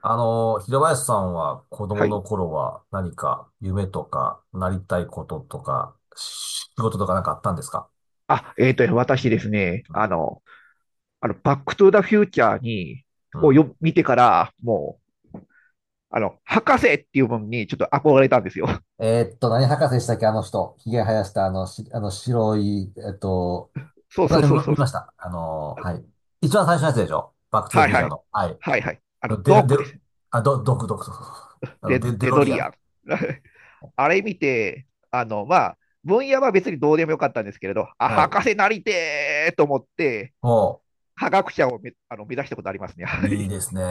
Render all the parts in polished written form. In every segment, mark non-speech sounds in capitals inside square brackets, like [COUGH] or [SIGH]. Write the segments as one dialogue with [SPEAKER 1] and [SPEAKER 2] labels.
[SPEAKER 1] 平林さんは子
[SPEAKER 2] は
[SPEAKER 1] 供
[SPEAKER 2] い。
[SPEAKER 1] の頃は何か夢とかなりたいこととか仕事とか何かあったんですか？
[SPEAKER 2] 私ですね、
[SPEAKER 1] うん。
[SPEAKER 2] バックトゥーザフューチャーに、
[SPEAKER 1] うん。
[SPEAKER 2] 見てから、もう、あの、博士っていうものにちょっと憧れたんですよ。
[SPEAKER 1] 何博士でしたっけ、あの人。ひげ生やしたあの白い、
[SPEAKER 2] [LAUGHS] そうそう
[SPEAKER 1] 私
[SPEAKER 2] そう
[SPEAKER 1] も
[SPEAKER 2] そ
[SPEAKER 1] 見
[SPEAKER 2] うそ
[SPEAKER 1] ま
[SPEAKER 2] う。
[SPEAKER 1] した。はい。一番最初のやつでしょバックトゥザ
[SPEAKER 2] は
[SPEAKER 1] フ
[SPEAKER 2] い
[SPEAKER 1] ューチ
[SPEAKER 2] は
[SPEAKER 1] ャー
[SPEAKER 2] い。
[SPEAKER 1] の。はい。
[SPEAKER 2] はいはい。あの、
[SPEAKER 1] デ
[SPEAKER 2] ド
[SPEAKER 1] ル、
[SPEAKER 2] ッ
[SPEAKER 1] デ
[SPEAKER 2] クで
[SPEAKER 1] ル、
[SPEAKER 2] す。
[SPEAKER 1] あ、ド、ドク、ドク、ドク、
[SPEAKER 2] レ、
[SPEAKER 1] デ
[SPEAKER 2] レ
[SPEAKER 1] ロ
[SPEAKER 2] ド
[SPEAKER 1] リア
[SPEAKER 2] リア
[SPEAKER 1] ン。
[SPEAKER 2] ン。[LAUGHS] あれ見て、まあ、分野は別にどうでもよかったんですけれど、あ、
[SPEAKER 1] はい。
[SPEAKER 2] 博士なりてーと思って、
[SPEAKER 1] も
[SPEAKER 2] 科学者をめ、あの、目指したことありますね。[LAUGHS] は
[SPEAKER 1] う、いい
[SPEAKER 2] い。
[SPEAKER 1] ですね。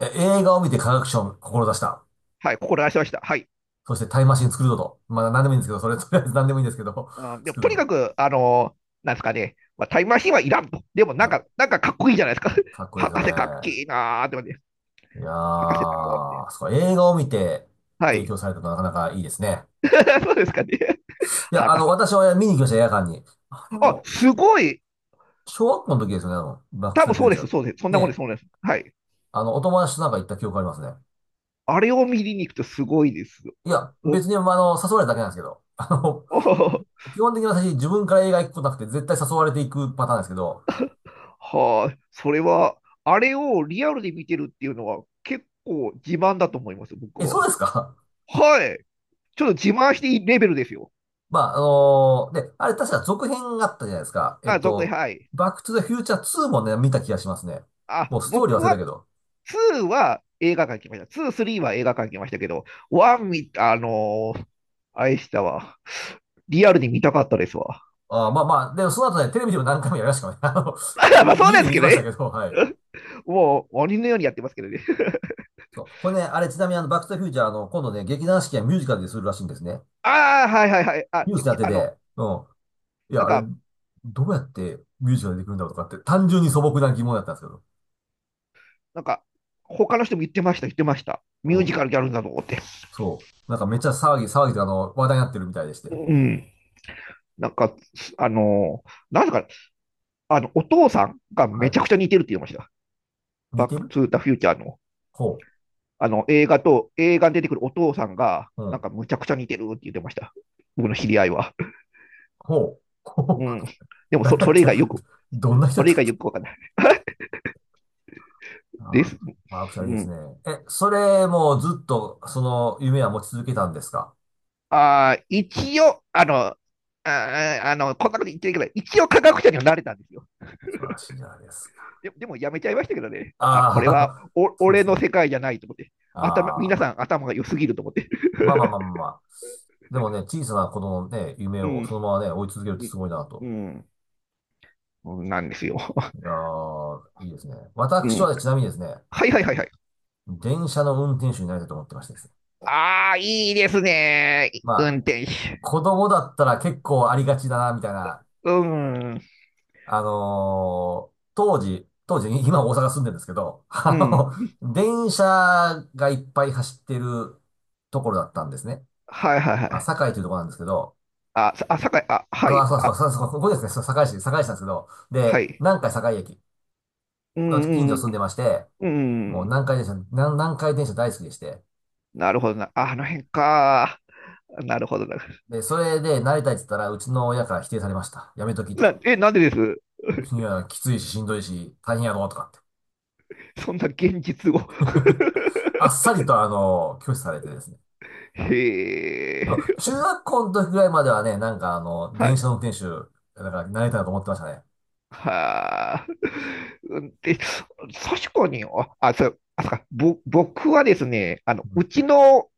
[SPEAKER 1] え、映画を見て科学賞を志した。
[SPEAKER 2] はい、ここしました。はい。
[SPEAKER 1] そしてタイムマシン作るぞと。まあ何でもいいんですけど、それとりあえず何でもいいんですけど、
[SPEAKER 2] うん、
[SPEAKER 1] [LAUGHS]
[SPEAKER 2] でも
[SPEAKER 1] 作
[SPEAKER 2] と
[SPEAKER 1] る
[SPEAKER 2] にか
[SPEAKER 1] ぞ。
[SPEAKER 2] く、なんですかね、まあ、タイムマシンはいらんと。でもな
[SPEAKER 1] は
[SPEAKER 2] んか、
[SPEAKER 1] い。
[SPEAKER 2] なんかかっこいいじゃないですか。
[SPEAKER 1] かっ
[SPEAKER 2] [LAUGHS]
[SPEAKER 1] こいいです
[SPEAKER 2] 博
[SPEAKER 1] よ
[SPEAKER 2] 士かっけ
[SPEAKER 1] ね。
[SPEAKER 2] えなーって思って、
[SPEAKER 1] いや
[SPEAKER 2] 博士だろうって。
[SPEAKER 1] ー、そう、映画を見て
[SPEAKER 2] は
[SPEAKER 1] 影
[SPEAKER 2] い。
[SPEAKER 1] 響されたのはなかなかいいですね。
[SPEAKER 2] [LAUGHS] そうですかね。
[SPEAKER 1] いや、
[SPEAKER 2] 博士。
[SPEAKER 1] 私は見に行きました、映画館に。あれ
[SPEAKER 2] あ、
[SPEAKER 1] も、し
[SPEAKER 2] すごい。
[SPEAKER 1] 小学校の時ですよね、バック
[SPEAKER 2] 多
[SPEAKER 1] トゥ
[SPEAKER 2] 分
[SPEAKER 1] ザフュ
[SPEAKER 2] そう
[SPEAKER 1] ー
[SPEAKER 2] で
[SPEAKER 1] チャ
[SPEAKER 2] す、
[SPEAKER 1] ー。
[SPEAKER 2] そうです。そんなもんです、
[SPEAKER 1] ね、
[SPEAKER 2] そんなもんです。はい。
[SPEAKER 1] お友達となんか行った記憶ありますね。
[SPEAKER 2] あれを見に行くとすごいですよ。
[SPEAKER 1] いや、
[SPEAKER 2] お、
[SPEAKER 1] 別に、まあ、誘われただけなんですけど、[LAUGHS]
[SPEAKER 2] お
[SPEAKER 1] 基本的に私自分から映画行くことなくて絶対誘われていくパターンですけど、
[SPEAKER 2] はあ、それは、あれをリアルで見てるっていうのは結構自慢だと思います、僕
[SPEAKER 1] え、そう
[SPEAKER 2] は。
[SPEAKER 1] ですか？
[SPEAKER 2] はい。ちょっと自慢していいレベルですよ。
[SPEAKER 1] まあ、で、あれ確か続編があったじゃないですか。
[SPEAKER 2] あ、続編、はい。
[SPEAKER 1] バックトゥザフューチャー2もね、見た気がしますね。
[SPEAKER 2] あ、
[SPEAKER 1] もうストーリー
[SPEAKER 2] 僕
[SPEAKER 1] 忘れた
[SPEAKER 2] は
[SPEAKER 1] けど。
[SPEAKER 2] 2は映画館行きました。2、3は映画館行きましたけど、1見、あのーあれでしたわ。リアルに見たかったですわ。
[SPEAKER 1] あーまあまあ、でもその後ね、テレビでも何回もやりましたからね。[LAUGHS]
[SPEAKER 2] [LAUGHS] まあ
[SPEAKER 1] 家
[SPEAKER 2] そう
[SPEAKER 1] 家
[SPEAKER 2] で
[SPEAKER 1] で
[SPEAKER 2] す
[SPEAKER 1] 見
[SPEAKER 2] け
[SPEAKER 1] れ
[SPEAKER 2] ど
[SPEAKER 1] ました
[SPEAKER 2] ね。
[SPEAKER 1] けど、はい。
[SPEAKER 2] [LAUGHS] もう鬼のようにやってますけどね。[LAUGHS]
[SPEAKER 1] そう。これね、あれちなみにバックトゥザフューチャー、今度ね、劇団四季はミュージカルでするらしいんですね。
[SPEAKER 2] ああ、はいはいはい。
[SPEAKER 1] ニュースになってて、うん。い
[SPEAKER 2] な
[SPEAKER 1] や、
[SPEAKER 2] ん
[SPEAKER 1] あれ、
[SPEAKER 2] か、
[SPEAKER 1] どうやってミュージカルできるんだろうとかって、単純に素朴な疑問だったんですけど。
[SPEAKER 2] なんか、他の人も言ってました、言ってました。
[SPEAKER 1] う
[SPEAKER 2] ミュージ
[SPEAKER 1] ん。
[SPEAKER 2] カルやるんだと思って。
[SPEAKER 1] そう。なんかめっちゃ騒ぎで話題になってるみたいでして。
[SPEAKER 2] うん。なんか、あのー、なんすか、あの、お父さんが
[SPEAKER 1] は
[SPEAKER 2] め
[SPEAKER 1] い。
[SPEAKER 2] ちゃくちゃ似てるって言いました。
[SPEAKER 1] 似
[SPEAKER 2] バッ
[SPEAKER 1] て
[SPEAKER 2] ク
[SPEAKER 1] る？
[SPEAKER 2] トゥーザフューチャーの。
[SPEAKER 1] ほ
[SPEAKER 2] 映画に出てくるお父さんが、
[SPEAKER 1] う。う
[SPEAKER 2] なんか
[SPEAKER 1] ん。
[SPEAKER 2] むちゃくちゃ似てるって言ってました。僕の知り合いは。
[SPEAKER 1] ほう。[LAUGHS] ほ
[SPEAKER 2] う
[SPEAKER 1] う。
[SPEAKER 2] ん。でもそ、
[SPEAKER 1] 何や
[SPEAKER 2] そ
[SPEAKER 1] っ
[SPEAKER 2] れ以
[SPEAKER 1] た？
[SPEAKER 2] 外よく、
[SPEAKER 1] どんな
[SPEAKER 2] そ
[SPEAKER 1] 人だ
[SPEAKER 2] れ
[SPEAKER 1] っ
[SPEAKER 2] 以
[SPEAKER 1] たっ
[SPEAKER 2] 外
[SPEAKER 1] け？
[SPEAKER 2] よくわかんないで
[SPEAKER 1] あ
[SPEAKER 2] す。
[SPEAKER 1] あ、ワークションいい
[SPEAKER 2] う
[SPEAKER 1] です
[SPEAKER 2] ん。
[SPEAKER 1] ね。え、それもうずっとその夢は持ち続けたんですか？
[SPEAKER 2] ああ、一応、あの、ああの、こんなこと言っちゃいけない。一応科学者にはなれたんですよ。
[SPEAKER 1] 素晴らしいじゃないですか。
[SPEAKER 2] でもやめちゃいましたけどね。あ、これは
[SPEAKER 1] あ
[SPEAKER 2] お
[SPEAKER 1] あ、[LAUGHS] そうで
[SPEAKER 2] 俺
[SPEAKER 1] す
[SPEAKER 2] の
[SPEAKER 1] ね。
[SPEAKER 2] 世界じゃないと思って。皆
[SPEAKER 1] あ
[SPEAKER 2] さ
[SPEAKER 1] あ、
[SPEAKER 2] ん頭が良すぎると思って。
[SPEAKER 1] まあまあまあまあまあ。でもね、小さな子供のね、夢
[SPEAKER 2] う
[SPEAKER 1] を
[SPEAKER 2] ん。
[SPEAKER 1] そのままね、追い続けるってすごいな
[SPEAKER 2] う
[SPEAKER 1] と。
[SPEAKER 2] ん。うん。なんですよ。
[SPEAKER 1] いやーいいですね。
[SPEAKER 2] う
[SPEAKER 1] 私
[SPEAKER 2] ん。
[SPEAKER 1] はねちなみにですね、
[SPEAKER 2] はいはいはいはい。
[SPEAKER 1] 電車の運転手になりたいと思ってましてですね。
[SPEAKER 2] ああ、いいですね。運
[SPEAKER 1] まあ、
[SPEAKER 2] 転手。
[SPEAKER 1] 子供だったら結構ありがちだな、みたいな。
[SPEAKER 2] うん、
[SPEAKER 1] 当時、当時、[LAUGHS] 今大阪住んでるんですけど、
[SPEAKER 2] うん。
[SPEAKER 1] 電車がいっぱい走ってるところだったんですね。
[SPEAKER 2] はいはいは
[SPEAKER 1] まあ、
[SPEAKER 2] い。
[SPEAKER 1] 堺というところなんですけど、
[SPEAKER 2] あ、さあ、酒あ、は
[SPEAKER 1] あ、
[SPEAKER 2] い、
[SPEAKER 1] そうそ
[SPEAKER 2] あ、
[SPEAKER 1] うそう、そう、ここですね、そう堺市、堺市なんですけど、
[SPEAKER 2] は
[SPEAKER 1] で、
[SPEAKER 2] い。
[SPEAKER 1] 南海堺駅
[SPEAKER 2] う
[SPEAKER 1] の近
[SPEAKER 2] ん、
[SPEAKER 1] 所
[SPEAKER 2] う
[SPEAKER 1] 住んで
[SPEAKER 2] ん、
[SPEAKER 1] まして、
[SPEAKER 2] う
[SPEAKER 1] もう
[SPEAKER 2] ん。
[SPEAKER 1] 南海電車大好きでして、
[SPEAKER 2] なるほどな。ああの辺か。なるほどな。
[SPEAKER 1] で、それでなりたいって言ったら、うちの親から否定されました。やめときと。
[SPEAKER 2] え、なんでです
[SPEAKER 1] いや、きついし、しんどいし、大変やろ、とかって。
[SPEAKER 2] そんな現実を。[LAUGHS]
[SPEAKER 1] [LAUGHS] あっさりと、拒否されてですね。
[SPEAKER 2] へ
[SPEAKER 1] でも、
[SPEAKER 2] え。
[SPEAKER 1] 中学校の時ぐらいまではね、なんか
[SPEAKER 2] は
[SPEAKER 1] 電
[SPEAKER 2] い。
[SPEAKER 1] 車の運転手、なんか、なりたいなと思ってましたね。
[SPEAKER 2] はあ。うんで、確かに、あ、あ、そう、あ、そうか、僕はですね、あの、
[SPEAKER 1] うん。
[SPEAKER 2] うちの、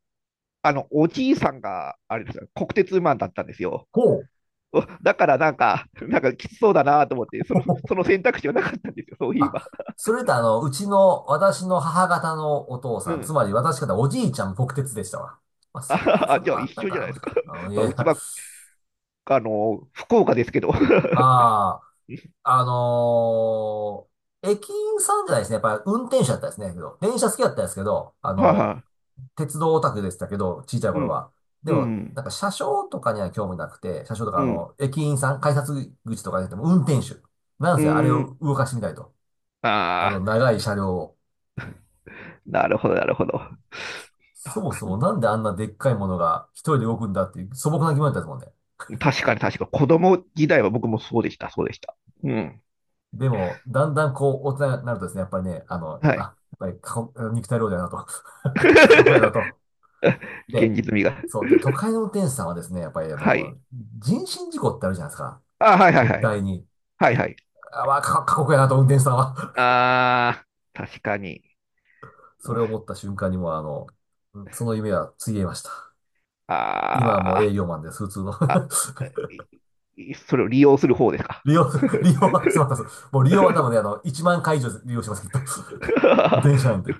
[SPEAKER 2] あの、おじいさんが、あれですよ、国鉄マンだったんですよ。
[SPEAKER 1] ほう。
[SPEAKER 2] おだからなんか、なんかきつそうだなと思って、その
[SPEAKER 1] [LAUGHS]
[SPEAKER 2] 選択肢はなかったんですよ、そういえ
[SPEAKER 1] あ、
[SPEAKER 2] ば。
[SPEAKER 1] それとうちの、私の母方のお父
[SPEAKER 2] う
[SPEAKER 1] さん、つ
[SPEAKER 2] ん。
[SPEAKER 1] まり私方おじいちゃん、国鉄でしたわ。まあ、
[SPEAKER 2] あ、
[SPEAKER 1] それ
[SPEAKER 2] じゃあ
[SPEAKER 1] は、
[SPEAKER 2] 一
[SPEAKER 1] なん
[SPEAKER 2] 緒じゃ
[SPEAKER 1] か、
[SPEAKER 2] ないで
[SPEAKER 1] も
[SPEAKER 2] す
[SPEAKER 1] しかし
[SPEAKER 2] か。
[SPEAKER 1] たら、
[SPEAKER 2] [LAUGHS]
[SPEAKER 1] い
[SPEAKER 2] まあ、
[SPEAKER 1] や、
[SPEAKER 2] うちは、あの、福岡ですけど。[LAUGHS] は
[SPEAKER 1] あ
[SPEAKER 2] い
[SPEAKER 1] あ、あのー駅員さんじゃないですね。やっぱ、運転手だったですね。けど、電車好きだったんですけど、
[SPEAKER 2] は
[SPEAKER 1] 鉄道オタクでしたけど、小さい
[SPEAKER 2] い。う
[SPEAKER 1] 頃
[SPEAKER 2] ん、
[SPEAKER 1] は。で
[SPEAKER 2] う
[SPEAKER 1] も、
[SPEAKER 2] ん、
[SPEAKER 1] なんか車掌とかには興味なくて、車掌とか
[SPEAKER 2] うん、
[SPEAKER 1] 駅員さん、改札口とかじゃなくても運転手。なん
[SPEAKER 2] う
[SPEAKER 1] せあれ
[SPEAKER 2] ん。
[SPEAKER 1] を動かしてみたいと。
[SPEAKER 2] ああ、
[SPEAKER 1] 長い車両を。
[SPEAKER 2] なるほど、なるほど。
[SPEAKER 1] そもそもなんであんなでっかいものが一人で動くんだっていう素朴な疑問だったですもんね。
[SPEAKER 2] 確かに確かに、子供時代は僕もそうでした、そうでした。うん。
[SPEAKER 1] でも、だんだんこう、大人になるとですね、やっぱりね、
[SPEAKER 2] はい。
[SPEAKER 1] やっぱり過酷肉体労働やなと。[LAUGHS] 過酷やなと。
[SPEAKER 2] [LAUGHS] 現
[SPEAKER 1] で、
[SPEAKER 2] 実味が。
[SPEAKER 1] そう。で、都会の運転手さんはですね、やっぱり
[SPEAKER 2] はい。
[SPEAKER 1] 人身事故ってあるじゃないですか。
[SPEAKER 2] あ、はいはい
[SPEAKER 1] 絶
[SPEAKER 2] はい。
[SPEAKER 1] 対に。
[SPEAKER 2] はいはい。
[SPEAKER 1] あ、まあ、[LAUGHS] 過酷やなと、運転手さんは。
[SPEAKER 2] ああ、確かに。
[SPEAKER 1] [LAUGHS] それを思った瞬間にもう、その夢はついえました。今はも
[SPEAKER 2] あ
[SPEAKER 1] う
[SPEAKER 2] あ。
[SPEAKER 1] 営業マンです、普通の。
[SPEAKER 2] あ、[LAUGHS] それを利用する方です
[SPEAKER 1] [LAUGHS]
[SPEAKER 2] か。
[SPEAKER 1] 利用、
[SPEAKER 2] [LAUGHS]
[SPEAKER 1] 利用は、すみません。もう利用は多分ね、1万回以上利用してます、きっと。[LAUGHS] 電車なんて。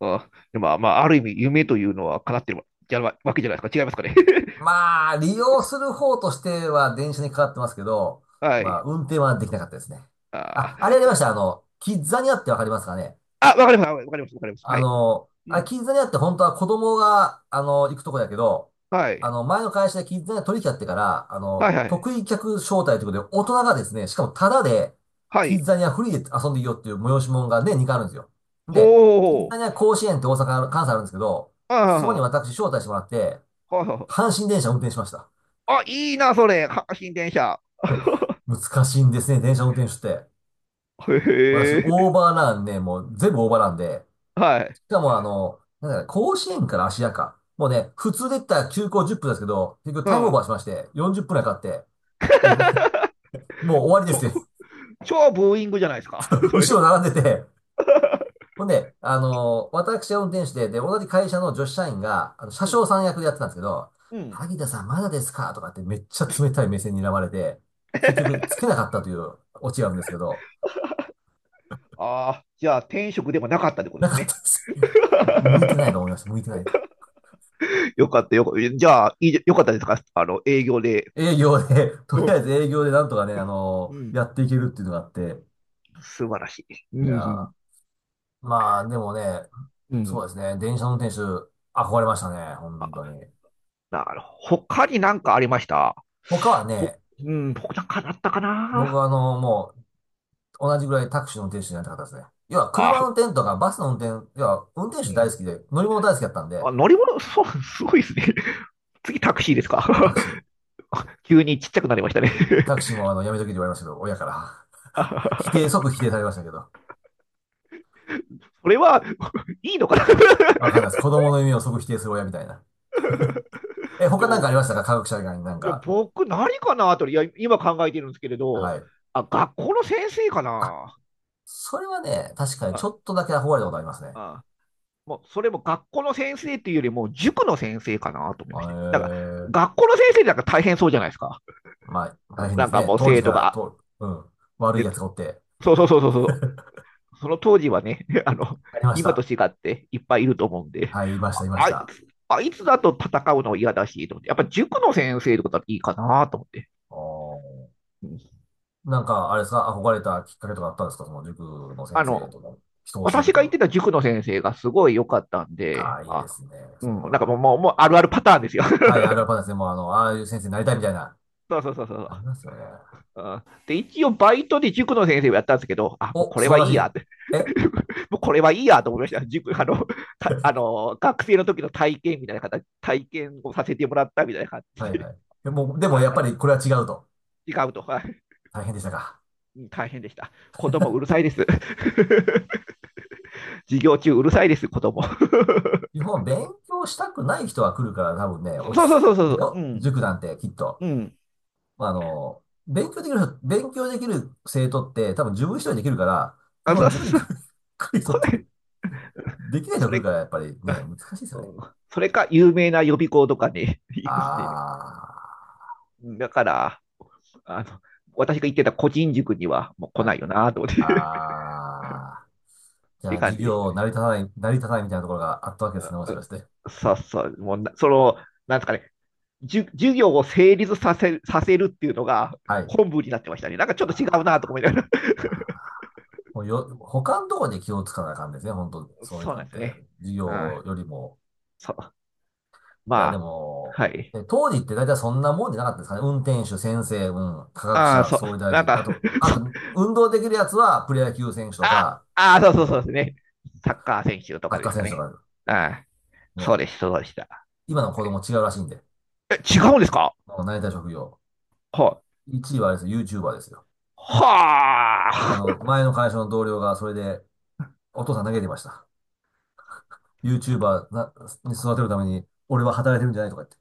[SPEAKER 2] あ、でも、まあ、ある意味、夢というのは叶ってるわじゃわけじゃないですか。違いますかね。[LAUGHS]
[SPEAKER 1] まあ、利用する方としては電車にかかってますけど、
[SPEAKER 2] は
[SPEAKER 1] まあ、
[SPEAKER 2] い。
[SPEAKER 1] 運転はできなかったですね。
[SPEAKER 2] あ
[SPEAKER 1] あ、あれやり
[SPEAKER 2] ー、
[SPEAKER 1] ました。キッザニアってわかりますかね？
[SPEAKER 2] あ、わかります。わかります。わかります。はい。うん。
[SPEAKER 1] キッザニアって本当は子供が、行くとこやけど、
[SPEAKER 2] はい。
[SPEAKER 1] 前の会社でキッザニア取引やってから、
[SPEAKER 2] はいはい。
[SPEAKER 1] 得意客招待ということで、大人がですね、しかもタダで、
[SPEAKER 2] は
[SPEAKER 1] キッ
[SPEAKER 2] い。
[SPEAKER 1] ザニアフリーで遊んでいいよっていう催し物がね、2回あるんですよ。
[SPEAKER 2] ほ
[SPEAKER 1] で、
[SPEAKER 2] う
[SPEAKER 1] キッ
[SPEAKER 2] ほ
[SPEAKER 1] ザニ
[SPEAKER 2] う。
[SPEAKER 1] ア甲子園って大阪ある、関西あるんですけど、そこに
[SPEAKER 2] あ
[SPEAKER 1] 私招待してもらって、
[SPEAKER 2] あ、はいはい。
[SPEAKER 1] 阪神電車運転しました。
[SPEAKER 2] あ、いいな、それ。阪神電車。
[SPEAKER 1] [LAUGHS] 難しいんですね、電車運転手って。
[SPEAKER 2] へ
[SPEAKER 1] 私、
[SPEAKER 2] え。
[SPEAKER 1] オーバーランね、もう全部オーバーランで、
[SPEAKER 2] はい。
[SPEAKER 1] しかもなんだね、甲子園から芦屋か。もうね、普通で言ったら休校10分ですけど、結局
[SPEAKER 2] う
[SPEAKER 1] タイムオー
[SPEAKER 2] ん。
[SPEAKER 1] バーしまして、40分くらいかかって、で、[LAUGHS] もう終わりです
[SPEAKER 2] 超、
[SPEAKER 1] よ。
[SPEAKER 2] 超ブーイングじゃないですか。[LAUGHS]
[SPEAKER 1] [LAUGHS]
[SPEAKER 2] それ。
[SPEAKER 1] 後ろ並んでて。ほんで、私は運転手で、で、同じ会社の女子社員が、
[SPEAKER 2] う
[SPEAKER 1] 車掌
[SPEAKER 2] ん、
[SPEAKER 1] さん役でやってたんですけど、
[SPEAKER 2] うん。
[SPEAKER 1] 萩田さんまだですかとかってめっちゃ冷たい目線に睨まれて、結局つけなかったというオチがあるんですけど、
[SPEAKER 2] ああ、じゃあ、転職でもなかったってことで
[SPEAKER 1] な
[SPEAKER 2] す
[SPEAKER 1] かった
[SPEAKER 2] ね。
[SPEAKER 1] です。[LAUGHS] 向いてない
[SPEAKER 2] [LAUGHS]
[SPEAKER 1] と思いました。向いてないと。
[SPEAKER 2] よかったよかった。じゃあ、いいよかったですかあの、営業で。
[SPEAKER 1] 営業で、と
[SPEAKER 2] う
[SPEAKER 1] りあえず営業でなんとかね、
[SPEAKER 2] ん。
[SPEAKER 1] やっていけるっていうのがあって、
[SPEAKER 2] 素晴らしい。
[SPEAKER 1] い
[SPEAKER 2] う
[SPEAKER 1] や
[SPEAKER 2] ん
[SPEAKER 1] ー、まあ、でもね、
[SPEAKER 2] うん。う
[SPEAKER 1] そうで
[SPEAKER 2] ん。
[SPEAKER 1] すね。電車の運転手、憧れましたね。本
[SPEAKER 2] あ、
[SPEAKER 1] 当に。
[SPEAKER 2] なるほど。他に何かありました
[SPEAKER 1] 他は
[SPEAKER 2] ぼ、
[SPEAKER 1] ね、
[SPEAKER 2] うん、僕なんかだったか
[SPEAKER 1] 僕
[SPEAKER 2] な
[SPEAKER 1] はもう、同じぐらいタクシーの運転手になりたかったですね。要は、車
[SPEAKER 2] あ、
[SPEAKER 1] の運転とか、バスの運転、要は、運転
[SPEAKER 2] う
[SPEAKER 1] 手大好
[SPEAKER 2] ん
[SPEAKER 1] きで、乗り物大好きだったん
[SPEAKER 2] あ、
[SPEAKER 1] で、
[SPEAKER 2] 乗り物、そう、すごいですね。[LAUGHS] 次タクシーです
[SPEAKER 1] タ
[SPEAKER 2] か？
[SPEAKER 1] クシ
[SPEAKER 2] [LAUGHS] 急にちっちゃくなりましたね
[SPEAKER 1] ー。タクシーもやめときって言われましたけど、親から。
[SPEAKER 2] [LAUGHS] あ
[SPEAKER 1] [LAUGHS] 即否定されましたけど。
[SPEAKER 2] それは、[LAUGHS] いいのかな？
[SPEAKER 1] わかんないです。子供の夢を即否定する親みたいな。え、
[SPEAKER 2] [LAUGHS] で
[SPEAKER 1] 他なんか
[SPEAKER 2] も、
[SPEAKER 1] ありましたか、科学者以外になん
[SPEAKER 2] いや、
[SPEAKER 1] か？
[SPEAKER 2] 僕何かなと、いや、今考えてるんですけれど、
[SPEAKER 1] はい。
[SPEAKER 2] あ、学校の先生か
[SPEAKER 1] あ、
[SPEAKER 2] な。
[SPEAKER 1] それはね、確かに
[SPEAKER 2] あ
[SPEAKER 1] ちょっとだけ憧れたことありますね。
[SPEAKER 2] あ、もうそれも学校の先生っていうよりも塾の先生かなと思い
[SPEAKER 1] へ
[SPEAKER 2] まして。なんか
[SPEAKER 1] え。
[SPEAKER 2] 学校の先生なんか大変そうじゃないですか。
[SPEAKER 1] まあ、大変
[SPEAKER 2] な
[SPEAKER 1] で
[SPEAKER 2] ん
[SPEAKER 1] す
[SPEAKER 2] か
[SPEAKER 1] ね。
[SPEAKER 2] もう
[SPEAKER 1] 当時
[SPEAKER 2] 生
[SPEAKER 1] か
[SPEAKER 2] 徒
[SPEAKER 1] ら、
[SPEAKER 2] が、
[SPEAKER 1] と、うん、悪
[SPEAKER 2] え
[SPEAKER 1] い
[SPEAKER 2] っと、
[SPEAKER 1] 奴がおって、
[SPEAKER 2] そうそうそうそうそう。その当時はね、[LAUGHS] あの、
[SPEAKER 1] ありまし
[SPEAKER 2] 今と
[SPEAKER 1] た。
[SPEAKER 2] 違っていっぱいいると思うんで、
[SPEAKER 1] はい、いました、いまし
[SPEAKER 2] あい
[SPEAKER 1] た。
[SPEAKER 2] つ、あいつだと戦うの嫌だし、と思って、やっぱ塾の先生とかだとはいいかなと思って。
[SPEAKER 1] おー
[SPEAKER 2] うん、
[SPEAKER 1] なんか、あれですか、憧れたきっかけとかあったんですか、その塾の先
[SPEAKER 2] あ
[SPEAKER 1] 生
[SPEAKER 2] の、
[SPEAKER 1] とか、人を教える
[SPEAKER 2] 私
[SPEAKER 1] とい
[SPEAKER 2] が
[SPEAKER 1] うの
[SPEAKER 2] 行って
[SPEAKER 1] は？
[SPEAKER 2] た塾の先生がすごい良かったん
[SPEAKER 1] あ
[SPEAKER 2] で、
[SPEAKER 1] あ、いいで
[SPEAKER 2] あ、
[SPEAKER 1] すね、
[SPEAKER 2] う
[SPEAKER 1] それ
[SPEAKER 2] ん、
[SPEAKER 1] は。
[SPEAKER 2] もうあるあるパターンですよ。
[SPEAKER 1] はい、あ
[SPEAKER 2] [LAUGHS]
[SPEAKER 1] るあるパンですね。もう、ああいう先生になりたいみたいな。
[SPEAKER 2] そうそうそうそ
[SPEAKER 1] あり
[SPEAKER 2] う。
[SPEAKER 1] ますよね。
[SPEAKER 2] うんで、一応バイトで塾の先生をやったんですけど、あ、もう
[SPEAKER 1] お、
[SPEAKER 2] これ
[SPEAKER 1] 素晴
[SPEAKER 2] はいい
[SPEAKER 1] らし
[SPEAKER 2] や
[SPEAKER 1] い。
[SPEAKER 2] って
[SPEAKER 1] え
[SPEAKER 2] [LAUGHS]、もうこれはいいやと思いました。塾、あの、あ
[SPEAKER 1] [LAUGHS]
[SPEAKER 2] の、学生の時の体験みたいな形、体験をさせてもらったみたいな感
[SPEAKER 1] は
[SPEAKER 2] じ
[SPEAKER 1] い
[SPEAKER 2] で、
[SPEAKER 1] はい。でも、
[SPEAKER 2] [LAUGHS] やっぱ、
[SPEAKER 1] やっ
[SPEAKER 2] あ
[SPEAKER 1] ぱ
[SPEAKER 2] れ、
[SPEAKER 1] りこれは違うと。
[SPEAKER 2] 違うと、はい、
[SPEAKER 1] 大変でしたか。
[SPEAKER 2] 大変でした。子供うるさいです。[LAUGHS] 授業中うるさいです、子供。
[SPEAKER 1] 日本、勉強したくない人が来るから多分ね、
[SPEAKER 2] [LAUGHS]
[SPEAKER 1] 落
[SPEAKER 2] そ
[SPEAKER 1] ち
[SPEAKER 2] うそうそ
[SPEAKER 1] 着
[SPEAKER 2] う
[SPEAKER 1] く
[SPEAKER 2] そうそう、う
[SPEAKER 1] よ。
[SPEAKER 2] ん、
[SPEAKER 1] 塾なんてきっと。
[SPEAKER 2] うん。
[SPEAKER 1] まあの、勉強できる人、勉強できる生徒って多分自分一人できるから、基
[SPEAKER 2] あ、
[SPEAKER 1] 本
[SPEAKER 2] そう
[SPEAKER 1] 自分で
[SPEAKER 2] そうそう、
[SPEAKER 1] [LAUGHS] 来る人っ
[SPEAKER 2] こ
[SPEAKER 1] て
[SPEAKER 2] れ、
[SPEAKER 1] できない人が
[SPEAKER 2] そ
[SPEAKER 1] 来るか
[SPEAKER 2] れ、
[SPEAKER 1] らやっぱりね、難しいですよね。
[SPEAKER 2] うんそれか有名な予備校とかに行くんで、
[SPEAKER 1] あ
[SPEAKER 2] だから、あの、私が言ってた個人塾にはもう
[SPEAKER 1] ー、
[SPEAKER 2] 来
[SPEAKER 1] は
[SPEAKER 2] な
[SPEAKER 1] い。
[SPEAKER 2] いよなと思って [LAUGHS] っ
[SPEAKER 1] あー。じ
[SPEAKER 2] て
[SPEAKER 1] ゃあ
[SPEAKER 2] いう感
[SPEAKER 1] 授
[SPEAKER 2] じでした
[SPEAKER 1] 業
[SPEAKER 2] ね。
[SPEAKER 1] 成り立たない、成り立たないみたいなところがあったわけですね、もし
[SPEAKER 2] そ
[SPEAKER 1] か
[SPEAKER 2] う
[SPEAKER 1] して。
[SPEAKER 2] ささ、もうな、その、なんですかね、授業を成立させさせるっていうのが
[SPEAKER 1] はい。
[SPEAKER 2] 本部になってましたね。なんかちょ
[SPEAKER 1] あ
[SPEAKER 2] っと違うなと思い
[SPEAKER 1] ー
[SPEAKER 2] ながら。
[SPEAKER 1] もうよ、他のところで気をつかなあかんですね、本当
[SPEAKER 2] [LAUGHS]
[SPEAKER 1] そういう
[SPEAKER 2] そう
[SPEAKER 1] な
[SPEAKER 2] なん
[SPEAKER 1] ん
[SPEAKER 2] です
[SPEAKER 1] て。
[SPEAKER 2] ね。
[SPEAKER 1] 授
[SPEAKER 2] うん。
[SPEAKER 1] 業よりも。
[SPEAKER 2] そう。
[SPEAKER 1] い
[SPEAKER 2] ま
[SPEAKER 1] や、で
[SPEAKER 2] あ、
[SPEAKER 1] も、
[SPEAKER 2] はい。
[SPEAKER 1] え、当時って大体そんなもんじゃなかったですかね。運転手、先生、うん、科学
[SPEAKER 2] ああ、
[SPEAKER 1] 者、
[SPEAKER 2] そう。
[SPEAKER 1] 総理大
[SPEAKER 2] なん
[SPEAKER 1] 臣。あ
[SPEAKER 2] か
[SPEAKER 1] と、
[SPEAKER 2] [LAUGHS]
[SPEAKER 1] あ
[SPEAKER 2] そう。
[SPEAKER 1] と、運動できるやつはプロ野球選手と
[SPEAKER 2] あ、
[SPEAKER 1] か、
[SPEAKER 2] ああ、そうそうそうですね。サッカー選手と
[SPEAKER 1] サ
[SPEAKER 2] か
[SPEAKER 1] ッ
[SPEAKER 2] で
[SPEAKER 1] カー
[SPEAKER 2] すか
[SPEAKER 1] 選手と
[SPEAKER 2] ね。
[SPEAKER 1] か、
[SPEAKER 2] ああ、そう
[SPEAKER 1] ね。
[SPEAKER 2] です、そうでした。
[SPEAKER 1] 今の子供違うらしいんで。
[SPEAKER 2] え、違うんですか
[SPEAKER 1] もうなりたい職業。
[SPEAKER 2] はい。
[SPEAKER 1] 1位はあれですよ、YouTuber ですよ。
[SPEAKER 2] はあ。
[SPEAKER 1] 前の会社の同僚がそれで、お父さん投げてました。YouTuber なに育てるために、俺は働いてるんじゃないとか言って。